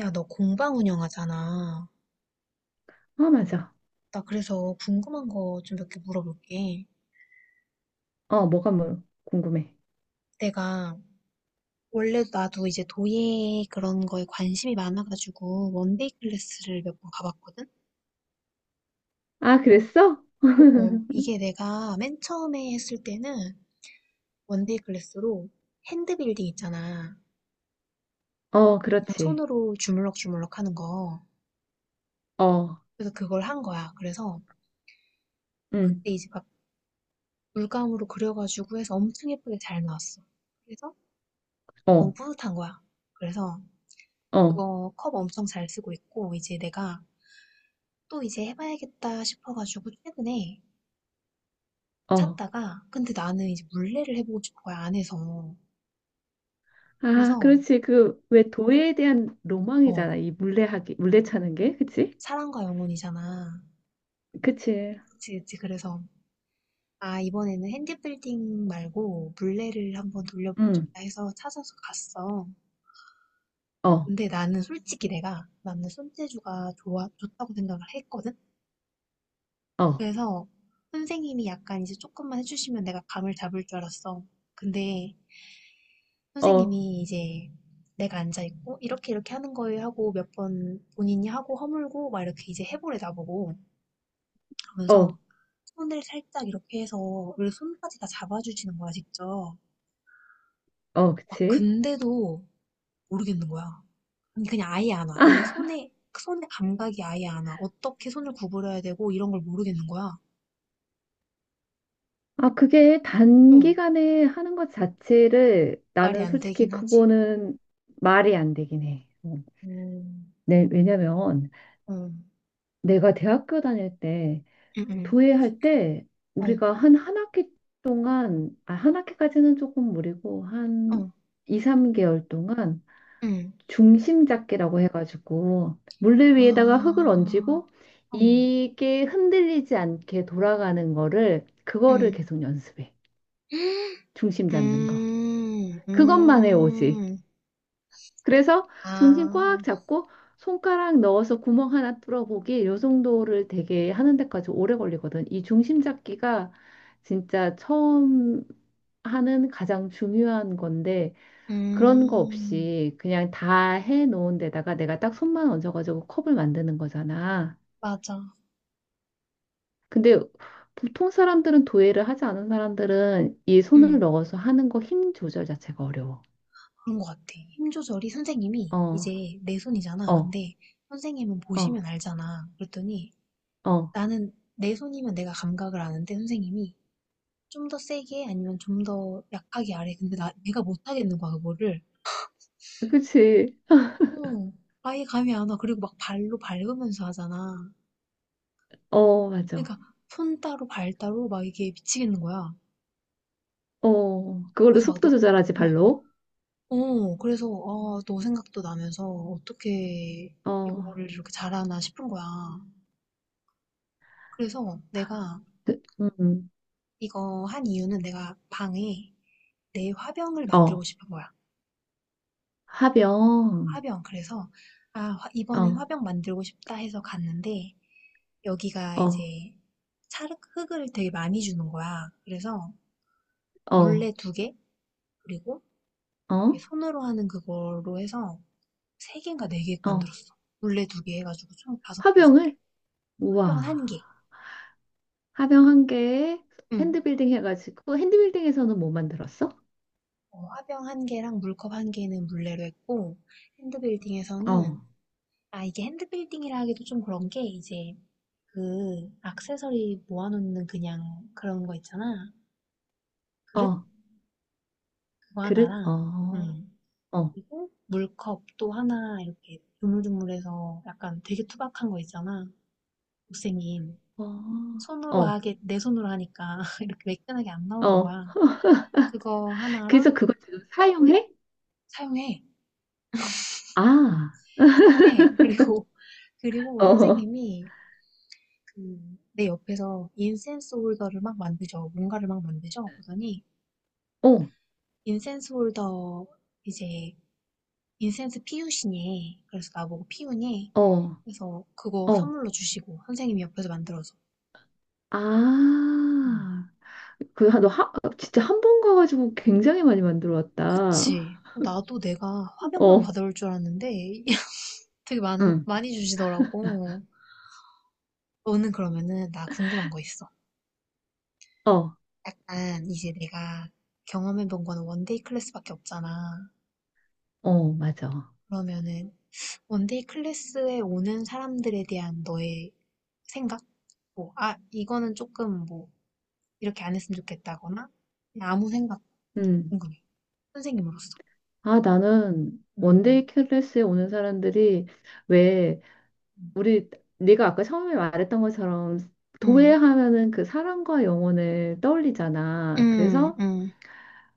야, 너 공방 운영하잖아. 아, 맞아. 나 그래서 궁금한 거 좀 몇 개 물어볼게. 어, 뭐가 뭘 궁금해? 내가 원래 나도 이제 도예 그런 거에 관심이 많아가지고 원데이 클래스를 몇 번 가봤거든? 아, 그랬어? 어어. 이게 내가 맨 처음에 했을 때는 원데이 클래스로 핸드빌딩 있잖아. 어, 그냥 그렇지. 손으로 주물럭주물럭 하는 거. 어, 그래서 그걸 한 거야. 그래서 응, 그때 이제 막 물감으로 그려가지고 해서 엄청 예쁘게 잘 나왔어. 그래서 너무 어, 뿌듯한 거야. 그래서 어, 그거 컵 엄청 잘 쓰고 있고, 이제 내가 또 이제 해봐야겠다 싶어가지고 최근에 어. 샀다가, 근데 나는 이제 물레를 해보고 싶은 거야, 안에서. 아, 그래서 그렇지. 그, 왜 도예에 대한 어 로망이잖아. 이 물레하기, 물레 차는 게. 그치? 사랑과 영혼이잖아. 그치. 그치 그치. 그래서 아, 이번에는 핸디빌딩 말고 물레를 한번 돌려보고 응, 싶다 해서 찾아서 갔어. 어, 근데 나는 솔직히 내가, 나는 손재주가 좋아 좋다고 생각을 했거든. 어, 그래서 선생님이 약간 이제 조금만 해주시면 내가 감을 잡을 줄 알았어. 근데 어, 선생님이 이제, 내가 앉아있고, 이렇게 이렇게 하는 거예요 하고 몇 번 본인이 하고 허물고 막 이렇게 이제 해보래, 나보고. 어, 하면서 손을 살짝 이렇게 해서, 원래 손까지 다 잡아주시는 거야, 직접. 어, 막 그치? 근데도 모르겠는 거야. 아니, 그냥 아예 안 와. 아, 이 손에, 그 손의 감각이 아예 안 와. 어떻게 손을 구부려야 되고, 이런 걸 모르겠는 거야. 아, 그게 응. 단기간에 하는 것 자체를 말이 나는 안 되긴 솔직히 하지. 그거는 말이 안 되긴 해. 어. 음, 네, 왜냐면 음, 내가 대학교 다닐 때 음, 음, 도예할 때 어, 우리가 한 한 학기 동안, 아, 한 학기까지는 조금 무리고, 어, 한 2, 3개월 동안 음. 중심 잡기라고 해가지고, 물레 위에다가 흙을 아, 얹고, 어. 이게 흔들리지 않게 돌아가는 거를, 그거를 음. 계속 연습해. 중심 잡는 거. 음, 그것만 해, 오직. 음. 그래서 정신 아, 꽉 잡고 손가락 넣어서 구멍 하나 뚫어보기 요 정도를 되게 하는 데까지 오래 걸리거든. 이 중심 잡기가 진짜 처음 하는 가장 중요한 건데 그런 거 음, 없이 그냥 다 해놓은 데다가 내가 딱 손만 얹어가지고 컵을 만드는 거잖아. 맞아. 근데 보통 사람들은 도예를 하지 않은 사람들은 이 손을 음. 넣어서 하는 거 힘 조절 자체가 어려워. 그런 것 같아. 힘 조절이, 선생님이 어, 이제 내 손이잖아. 어, 근데 선생님은 어, 보시면 알잖아. 그랬더니, 어. 나는 내 손이면 내가 감각을 아는데, 선생님이 좀 더 세게 아니면 좀 더 약하게 아래. 근데 내가 못 하겠는 거야, 그거를. 그치? 어, 아예 감이 안 와. 그리고 막 발로 밟으면서 하잖아. 어, 맞아. 그러니까 손 따로 발 따로 막 이게 미치겠는 거야. 어, 그걸로 그래서 막 속도 너, 조절하지, 어, 발로. 어, 그래서, 아, 너 생각도 나면서 어떻게 어, 이거를 이렇게 잘하나 싶은 거야. 그래서 내가 그, 이거 한 이유는, 내가 방에 내 화병을 만들고 어, 싶은 거야. 화병. 화병. 그래서, 아, 이번엔 어, 화병 만들고 싶다 해서 갔는데, 여기가 어, 이제 찰흙, 흙을 되게 많이 주는 거야. 그래서 어, 물레 두 개, 그리고 어, 이렇게 손으로 하는 그걸로 해서 세 개인가 네 개 어. 만들었어. 물레 두 개 해가지고 총 다섯 개, 여섯 개. 화병을? 우와. 화병 한 개. 화병 한 개에 응. 핸드빌딩 해가지고, 핸드빌딩에서는 뭐 만들었어? 어, 화병 한 개랑 물컵 한 개는 물레로 했고, 어, 핸드빌딩에서는, 아, 이게 핸드빌딩이라 하기도 좀 그런 게, 이제, 그, 액세서리 모아놓는 그냥 그런 거 있잖아. 그릇? 어, 그거 그릇? 하나랑, 어, 어, 그리고 물컵 또 하나, 이렇게, 조물조물해서 약간 되게 투박한 거 있잖아. 못생긴. 어, 손으로 어, 하게, 내 손으로 하니까, 이렇게 매끈하게 안 나오는 어. 거야. 그거 그래서 하나랑. 그걸 지금 사용해? 사용해. 아, 사용해. 그리고, 그리고 어, 선생님이, 그, 내 옆에서 인센스 홀더를 막 만드죠. 뭔가를 막 만드죠. 그러더니, 어, 인센스 홀더, 이제, 인센스 피우시니. 그래서 나보고 피우니. 어, 그래서 그거 어. 선물로 주시고, 선생님이 옆에서 만들어서. 음. 아, 그, 너 진짜 한 번 가가지고 굉장히 많이 만들어 왔다. 그치. 나도 내가 화병만 어, 받아올 줄 알았는데, 되게 많, 응. 많이 주시더라고. 너는 그러면은, 나 궁금한 거 있어. 어, 약간 이제 내가 경험해 본 거는 원데이 클래스밖에 없잖아. 어, 맞아. 그러면은 원데이 클래스에 오는 사람들에 대한 너의 생각? 뭐, 아, 이거는 조금 뭐 이렇게 안 했으면 좋겠다거나 그냥 아무 생각, 음. 궁금해. 선생님으로서. 아, 나는 응, 응. 원데이 클래스에 오는 사람들이 왜 우리 네가 아까 처음에 말했던 것처럼 응, 도예하면은 그 사랑과 영혼을 응, 떠올리잖아. 응, 그래서 응.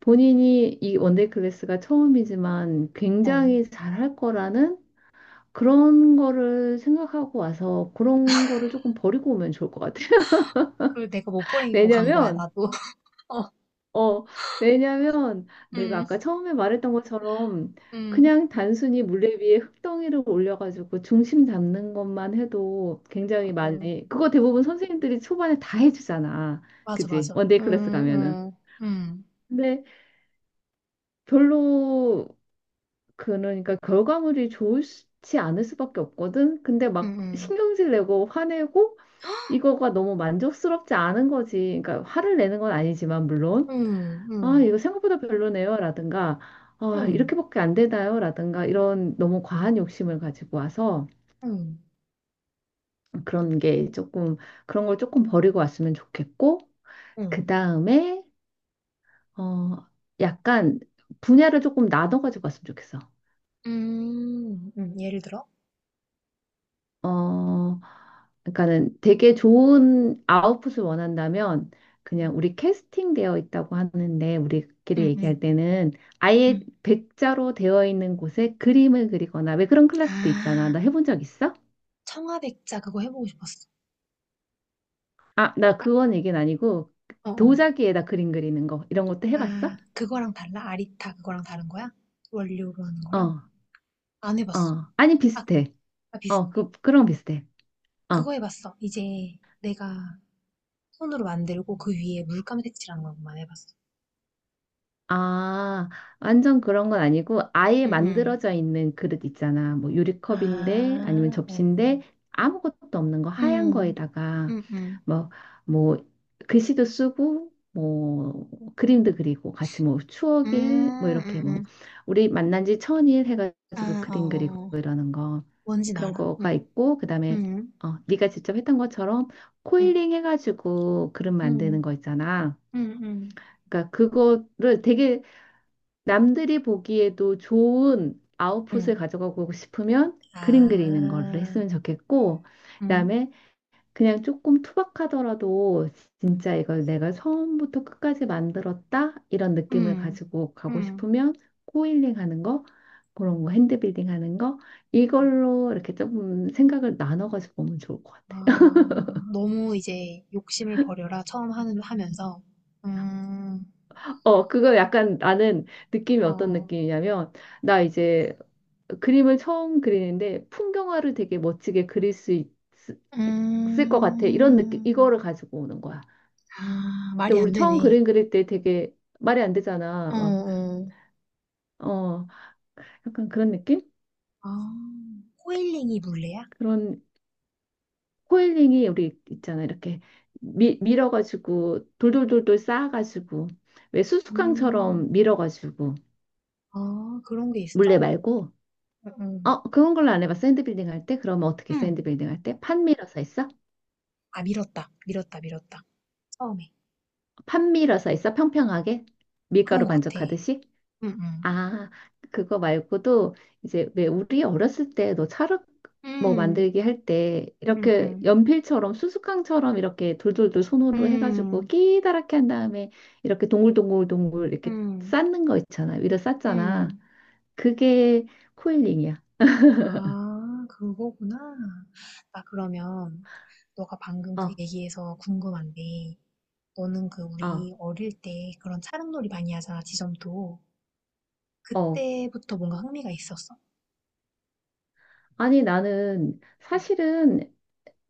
본인이 이 원데이 클래스가 처음이지만 어. 굉장히 잘할 거라는 그런 거를 생각하고 와서 그런 거를 조금 버리고 오면 좋을 것 같아. 그 내가 못 버리고 간 거야, 왜냐면 나도. 어, 어, 왜냐면 내가 응, 아까 처음에 말했던 것처럼 응, 그냥 단순히 물레 위에 흙덩이를 올려가지고 중심 잡는 것만 해도 굉장히 어. 많이, 그거 대부분 선생님들이 초반에 다 해주잖아. 맞아, 그지? 맞아. 원데이 클래스 응, 가면은. 응, 응, 근데 별로, 그러니까 결과물이 좋지 않을 수밖에 없거든? 근데 막 응, 신경질 내고 화내고 이거가 너무 만족스럽지 않은 거지. 그러니까 화를 내는 건 아니지만, 물론. 응, 응, 아, 응. 이거 생각보다 별로네요, 라든가, 아, 응, 이렇게밖에 안 되나요, 라든가, 이런 너무 과한 욕심을 가지고 와서 응, 그런 게 조금, 그런 걸 조금 버리고 왔으면 좋겠고, 그 응. 다음에, 어, 약간 분야를 조금 나눠가지고 왔으면 좋겠어. 예를 들어? 어, 그러니까는 되게 좋은 아웃풋을 원한다면 그냥 응, 우리 캐스팅되어 있다고 하는데 우리끼리 응, 얘기할 응. 때는 아예 응. 백자로 되어 있는 곳에 그림을 그리거나 왜 그런 클래스도 있잖아. 아, 나 해본 적 있어? 청아백자 그거 해보고 싶었어. 아, 나 아, 그건 얘기는 아니고 어, 어. 도자기에다 그림 그리는 거 이런 것도 아, 해봤어? 그거랑 달라? 아리타 그거랑 다른 거야? 원료로 하는 거랑? 어, 안 해봤어. 어. 아니 아, 비슷해. 아, 어, 비슷해? 그 그런 거 비슷해. 그거 어. 해봤어. 이제 내가 손으로 만들고 그 위에 물감 색칠하는 것만 해봤어. 아, 완전 그런 건 아니고 아예 응, 응. 만들어져 있는 그릇 있잖아. 뭐 응, 응. 유리컵인데 아니면 응, 응, 응. 아, 어. 접시인데 아무것도 없는 거 하얀 음, 거에다가 음, 음. 뭐, 뭐 글씨도 쓰고 뭐 그림도 그리고 같이 뭐 추억일 뭐 음, 이렇게 음, 뭐 음. 우리 만난 지 1000일 해가지고 아, 그림 그리고 어. 이러는 거 뭔진 그런 알아. 거가 응. 있고 그다음에 응. 어, 네가 직접 했던 것처럼 응. 코일링 해가지고 그릇 만드는 응. 거 있잖아. 응. 응. 그러니까 그거를 되게 남들이 보기에도 좋은 아웃풋을 응. 가져가고 싶으면 그림 그리는 걸 아, 했으면 좋겠고, 응. 그다음에 그냥 조금 투박하더라도 진짜 이걸 내가 처음부터 끝까지 만들었다 이런 느낌을 응. 가지고 가고 응. 싶으면 코일링 하는 거, 응. 그런 거 핸드빌딩 하는 거 어. 이걸로 이렇게 조금 생각을 나눠가지고 보면 좋을 것 같아요. 아, 너무 이제 욕심을 버려라. 처음 하는 하면서. 음. 어, 그거 약간 나는 느낌이 어떤 어. 느낌이냐면 나 이제 그림을 처음 그리는데 풍경화를 되게 멋지게 그릴 수 을것 같아. 이런 느낌, 음. 이거를 가지고 오는 거야. 아, 근데 말이 안 우리 처음 되네. 그림 그릴 때 되게 말이 안 되잖아. 어, 막, 어. 어, 약간 그런 느낌? 아, 코일링이 물레야? 그런 코일링이 우리 있잖아. 이렇게 밀어가지고 돌돌돌돌 쌓아가지고 왜 음, 수수깡처럼 밀어가지고 아, 그런 게 물레 있어. 말고 응. 응. 어, 그런 걸로 안 해봐. 샌드빌딩 할 때? 그러면 어떻게 응. 샌드빌딩 할 때? 판 밀어서 했어? 아, 밀었다. 밀었다. 밀었다. 처음에. 판 밀어서 했어? 평평하게? 그런 밀가루 것 같아. 반죽하듯이? 음, 아, 그거 말고도 이제 왜 우리 어렸을 때 너 찰흙 뭐 음, 만들기 할 때 음, 이렇게 음, 연필처럼 수수깡처럼 이렇게 돌돌돌 음, 손으로 해가지고 음, 끼다랗게 한 다음에 이렇게 동글동글동글 이렇게 음. 쌓는 거 있잖아. 위로 쌓잖아. 응. 그게 코일링이야. 아, 그거구나. 나 그러면, 너가 방금 그 어, 얘기에서 궁금한데, 너는 그 아, 우리 어릴 때 그런 차량놀이 많이 하잖아, 지점도. 어. 그때부터 뭔가 흥미가 있었어. 아니 나는 사실은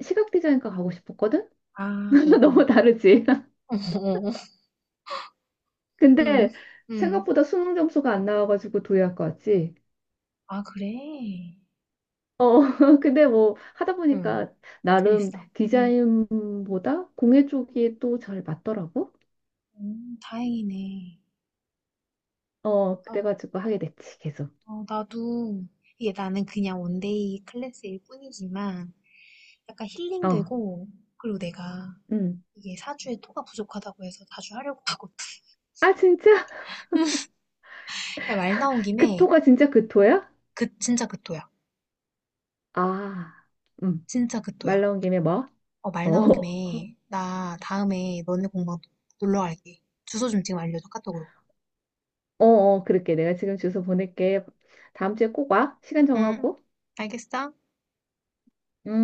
시각 디자인과 가고 싶었거든? 아, 어, 어. 너무 다르지? 어, 응응. 근데 생각보다 수능 점수가 안 나와가지고 도예학과 왔지. 아, 그래? 어, 근데 뭐 하다 응. 보니까 나름 재밌어. 응. 디자인보다 공예 쪽이 또 잘 맞더라고. 다행이네. 어, 아, 그래가지고 하게 됐지, 계속. 어, 나도, 이게 나는 그냥 원데이 클래스일 뿐이지만 약간 어, 힐링되고, 그리고 내가 음. 이게 사주에 토가 부족하다고 해서 자주 하려고 하고. 아, 진짜? 야, 말 나온 그 김에. 토가 진짜 그 토야? 그 진짜 그 토야. 아, 음. 진짜 그 말 토야. 나온 김에 뭐? 어, 말 나온 어, 김에 나 다음에 너네 공방 놀러 갈게. 주소 좀 지금 알려줘, 카톡으로. 어, 어, 그럴게. 내가 지금 주소 보낼게. 다음 주에 꼭 와. 시간 응. 정하고. 알겠어? 음.